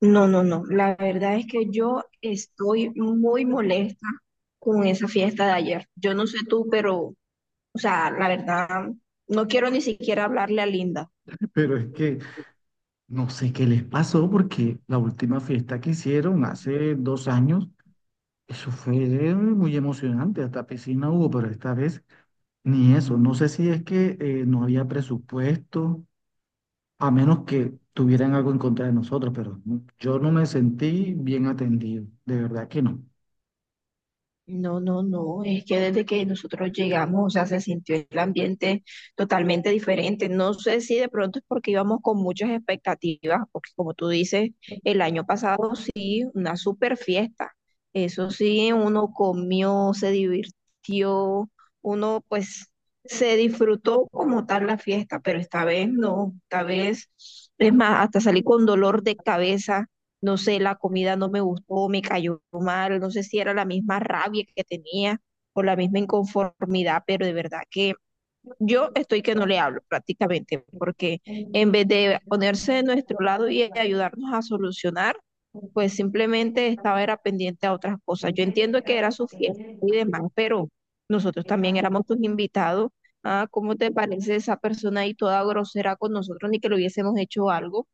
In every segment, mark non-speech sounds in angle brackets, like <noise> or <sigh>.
No, no, no. La verdad es que yo estoy muy molesta con esa fiesta de ayer. Yo no sé tú, pero, o sea, la verdad, no quiero ni siquiera hablarle a Linda. Pero es que no sé qué les pasó porque la última fiesta que hicieron hace 2 años, eso fue muy emocionante, hasta piscina hubo, pero esta vez ni eso. No sé si es que no había presupuesto, a menos que tuvieran algo en contra de nosotros, pero yo no me sentí bien atendido, de verdad que no. No, no, no, es que desde que nosotros llegamos, o sea, se sintió el ambiente totalmente diferente. No sé si de pronto es porque íbamos con muchas expectativas, porque como tú dices, el año pasado sí, una super fiesta. Eso sí, uno comió, se divirtió, uno pues se disfrutó como tal la fiesta, pero esta vez no, esta vez, es más, hasta salí con dolor de cabeza. No sé, la comida no me gustó, me cayó mal, no sé si era la misma rabia que tenía o la misma inconformidad, pero de verdad que yo estoy que no le hablo prácticamente, porque en vez de ponerse de nuestro lado y ayudarnos a solucionar, pues simplemente estaba era pendiente a otras cosas. Yo entiendo que era su fiesta y demás, pero nosotros también éramos tus invitados. Ah, ¿cómo te parece esa persona ahí toda grosera con nosotros, ni que le hubiésemos hecho algo?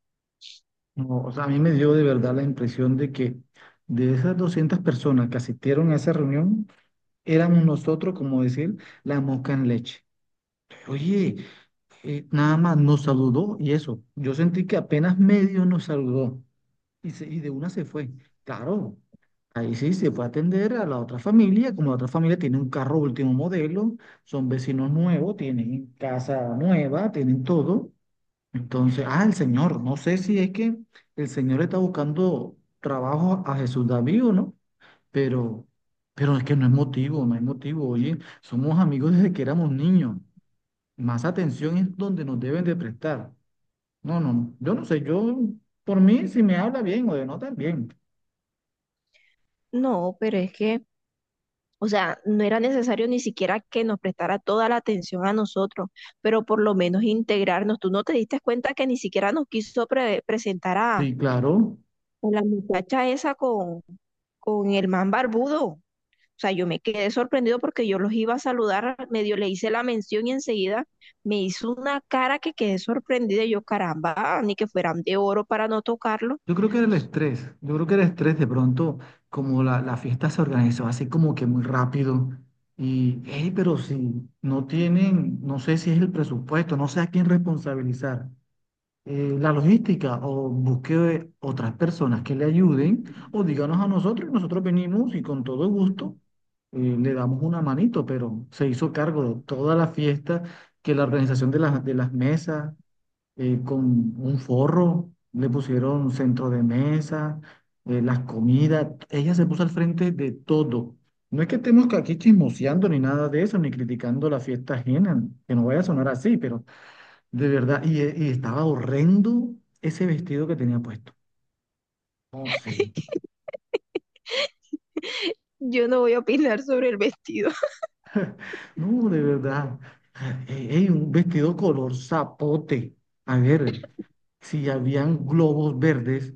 No, o sea, a mí me dio de verdad la impresión de que de esas 200 personas que asistieron a esa reunión, éramos nosotros, como decir, la mosca en leche. Oye, nada más nos saludó y eso. Yo sentí que apenas medio nos saludó y de una se fue. Claro, ahí sí se fue a atender a la otra familia, como la otra familia tiene un carro último modelo, son vecinos nuevos, tienen casa nueva, tienen todo. Entonces, ah, el señor, no sé si es que el señor está buscando trabajo a Jesús David o no, pero, pero es que no es motivo, no es motivo, oye, somos amigos desde que éramos niños. Más atención es donde nos deben de prestar. No, no, yo no sé, yo, por mí, si me habla bien o denota bien. No, pero es que, o sea, no era necesario ni siquiera que nos prestara toda la atención a nosotros, pero por lo menos integrarnos. Tú no te diste cuenta que ni siquiera nos quiso presentar a Sí, claro. la muchacha esa con el man barbudo. O sea, yo me quedé sorprendido porque yo los iba a saludar, medio le hice la mención y enseguida me hizo una cara que quedé sorprendida. Y yo, caramba, ni que fueran de oro para no tocarlo. Yo creo que era el estrés, yo creo que era el estrés de pronto, como la fiesta se organizó así como que muy rápido. Y, hey, pero si no tienen, no sé si es el presupuesto, no sé a quién responsabilizar. La logística o busque otras personas que le ayuden o díganos a nosotros y nosotros venimos y con todo gusto le damos una manito, pero se hizo cargo de toda la fiesta, que la organización de las, mesas, con un forro, le pusieron centro de mesa, las comidas, ella se puso al frente de todo. No es que estemos aquí chismoseando ni nada de eso, ni criticando la fiesta ajena, que no vaya a sonar así, pero de verdad, y estaba horrendo ese vestido que tenía puesto. No sé, <laughs> Yo no voy a opinar sobre el vestido. no, de verdad. Ey, ey, un vestido color zapote. A ver, si habían globos verdes,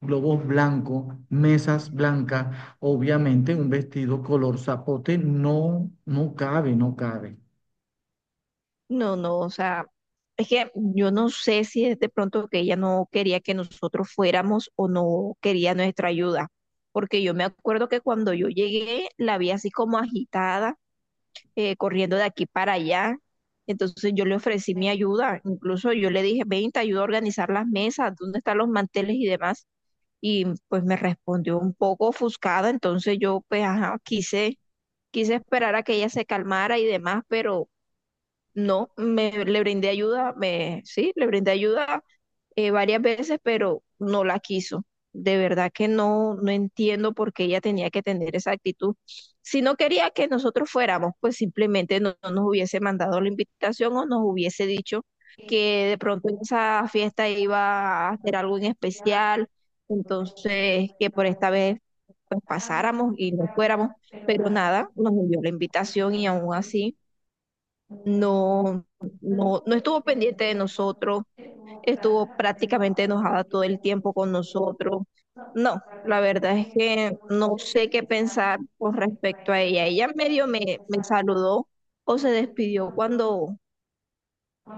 globos blancos, mesas blancas, obviamente un vestido color zapote no, no cabe, no cabe. No, no, o sea, es que yo no sé si es de pronto que ella no quería que nosotros fuéramos o no quería nuestra ayuda, porque yo me acuerdo que cuando yo llegué la vi así como agitada, corriendo de aquí para allá, entonces yo le ofrecí mi ayuda, incluso yo le dije, ven, te ayudo a organizar las mesas, dónde están los manteles y demás, y pues me respondió un poco ofuscada, entonces yo pues ajá, quise esperar a que ella se calmara y demás, pero no, me, le brindé ayuda, sí, le brindé ayuda varias veces, pero no la quiso. De verdad que no, no entiendo por qué ella tenía que tener esa actitud. Si no quería que nosotros fuéramos, pues simplemente no nos hubiese mandado la invitación o nos hubiese dicho que de pronto en esa fiesta iba a hacer algo en especial, entonces que por esta vez pues pasáramos y no fuéramos, pero nada, nos envió la invitación y aún así no, no, no estuvo pendiente de nosotros, estuvo prácticamente enojada todo el tiempo con nosotros. No, la verdad es que no sé qué pensar con respecto a ella. Ella medio me saludó o se despidió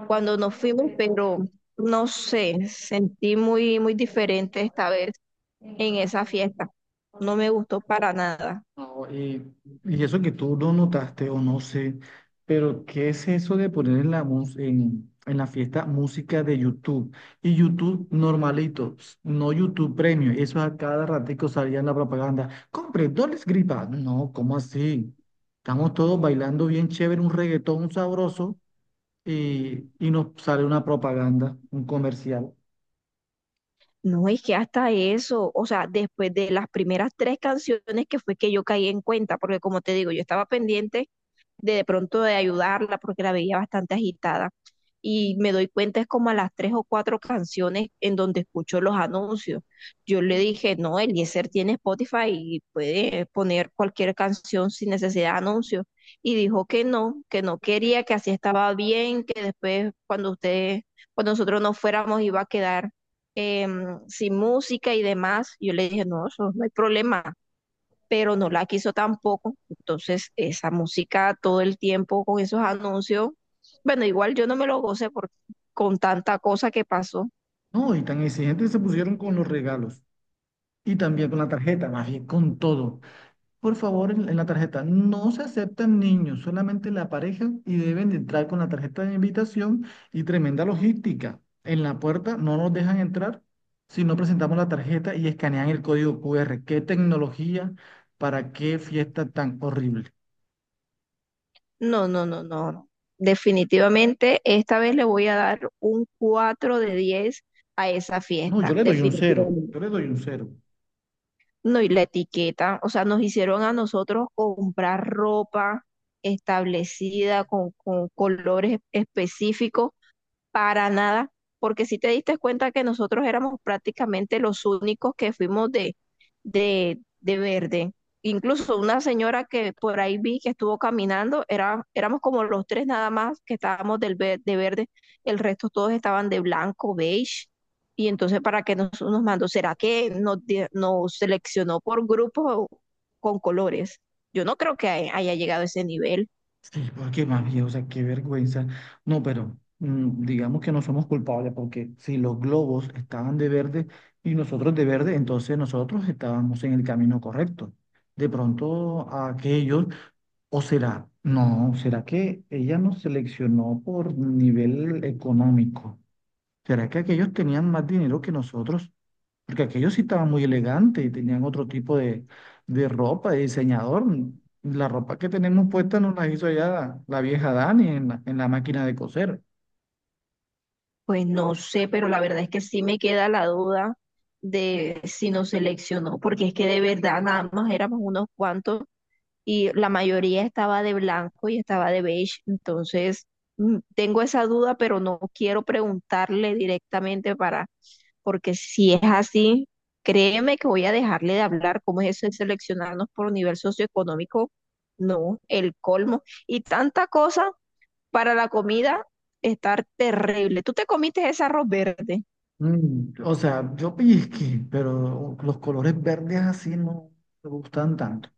cuando nos fuimos, pero no sé, sentí muy, muy diferente esta vez en esa fiesta. No me gustó para nada. No, y eso que tú no notaste o no sé, pero ¿qué es eso de poner en la fiesta música de YouTube? Y YouTube normalito, no YouTube Premium, eso a cada ratico salía en la propaganda. Compre, no les gripa. No, ¿cómo así? Estamos todos bailando bien chévere, un reggaetón sabroso y nos sale una propaganda, un comercial. No, es que hasta eso, o sea, después de las primeras tres canciones que fue que yo caí en cuenta, porque como te digo, yo estaba pendiente de pronto de ayudarla porque la veía bastante agitada. Y me doy cuenta es como a las tres o cuatro canciones en donde escucho los anuncios. Yo le dije, no, Eliezer tiene Spotify y puede poner cualquier canción sin necesidad de anuncios. Y dijo que no quería, que así estaba bien, que después cuando usted, cuando nosotros nos fuéramos iba a quedar eh, sin música y demás. Yo le dije, no, eso no hay problema, pero no la quiso tampoco. Entonces, esa música todo el tiempo con esos anuncios, bueno, igual yo no me lo gocé, con tanta cosa que pasó. No, y tan exigentes se pusieron con los regalos y también con la tarjeta, más bien con todo. Por favor, en la tarjeta. No se aceptan niños, solamente la pareja y deben de entrar con la tarjeta de invitación y tremenda logística. En la puerta no nos dejan entrar si no presentamos la tarjeta y escanean el código QR. ¿Qué tecnología para qué fiesta tan horrible? No, no, no, no, no. Definitivamente, esta vez le voy a dar un 4 de 10 a esa No, fiesta, yo le doy un cero. definitivamente. Yo le doy un cero. No, y la etiqueta, o sea, nos hicieron a nosotros comprar ropa establecida con colores específicos. Para nada, porque si te diste cuenta que nosotros éramos prácticamente los únicos que fuimos de verde. Incluso una señora que por ahí vi que estuvo caminando, era, éramos como los tres nada más que estábamos de verde, el resto todos estaban de blanco, beige. Y entonces, ¿para qué nos mandó? ¿Será que nos seleccionó por grupos con colores? Yo no creo que haya llegado a ese nivel. Sí, porque más bien, o sea, qué vergüenza. No, pero digamos que no somos culpables porque si los globos estaban de verde y nosotros de verde, entonces nosotros estábamos en el camino correcto. De pronto a aquellos, o será, no, será que ella nos seleccionó por nivel económico. ¿Será que aquellos tenían más dinero que nosotros? Porque aquellos sí estaban muy elegantes y tenían otro tipo de ropa, de diseñador. La ropa que tenemos puesta nos la hizo allá la vieja Dani en la máquina de coser. Pues no sé, pero la verdad es que sí me queda la duda de si nos seleccionó, porque es que de verdad nada más éramos unos cuantos y la mayoría estaba de blanco y estaba de beige, entonces mm, tengo esa duda, pero no quiero preguntarle directamente para, porque si es así, créeme que voy a dejarle de hablar. ¿Cómo es eso de seleccionarnos por nivel socioeconómico? No, el colmo. Y tanta cosa para la comida, estar terrible. ¿Tú te comiste ese arroz verde? O sea, yo <laughs> pellizqué, pero los colores verdes así no me gustan tanto.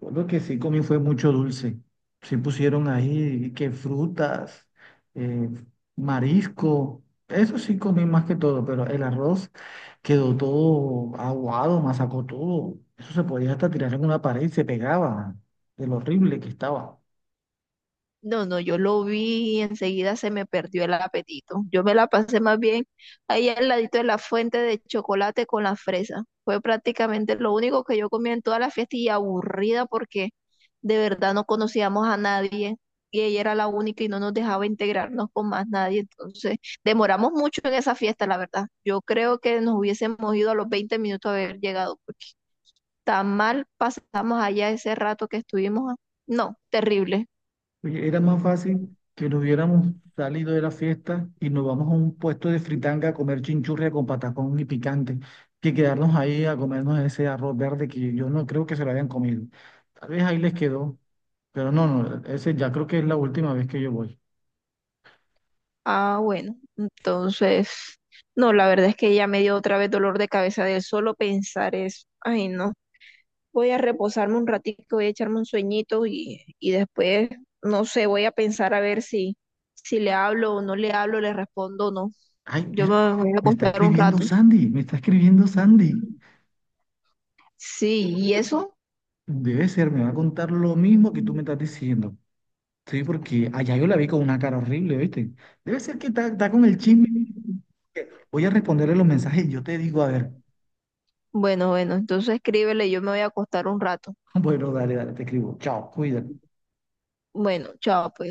Lo que sí comí fue mucho dulce. Sí pusieron ahí que frutas, eh, marisco. Eso sí comí más que todo, pero el arroz quedó todo aguado, masacó todo. Eso se podía hasta tirar en una pared y se pegaba de lo horrible que estaba. No, no, yo lo vi y enseguida se me perdió el apetito. Yo me la pasé más bien ahí al ladito de la fuente de chocolate con la fresa. Fue prácticamente lo único que yo comí en toda la fiesta y aburrida porque de verdad no conocíamos a nadie y ella era la única y no nos dejaba integrarnos con más nadie. Entonces, demoramos mucho en esa fiesta, la verdad. Yo creo que nos hubiésemos ido a los 20 minutos a haber llegado, porque tan mal pasamos allá ese rato que estuvimos. No, terrible. Oye, era más fácil que nos hubiéramos salido de la fiesta y nos vamos a un puesto de fritanga a comer chinchurria con patacón y picante, que quedarnos ahí a comernos ese arroz verde que yo no creo que se lo hayan comido. Tal vez ahí les quedó, pero no, no, ese ya creo que es la última vez que yo voy. Ah, bueno, entonces, no, la verdad es que ya me dio otra vez dolor de cabeza de solo pensar eso. Ay, no, voy a reposarme un ratito, voy a echarme un sueñito y después, no sé, voy a pensar a ver si le hablo o no le hablo, le respondo o no. Ay, Yo mira, me voy a me está acostar un escribiendo rato. Sandy, me está escribiendo Sandy. Sí, ¿y eso? Debe ser, me va a contar lo mismo que tú me estás diciendo. Sí, porque allá yo la vi con una cara horrible, ¿viste? Debe ser que está con el chisme. Voy a responderle los mensajes y yo te digo, a ver, Bueno, bueno, entonces escríbele, yo me voy a acostar un rato. <laughs> bueno, dale, dale, te escribo. Chao, cuídate. Bueno, chao, pues.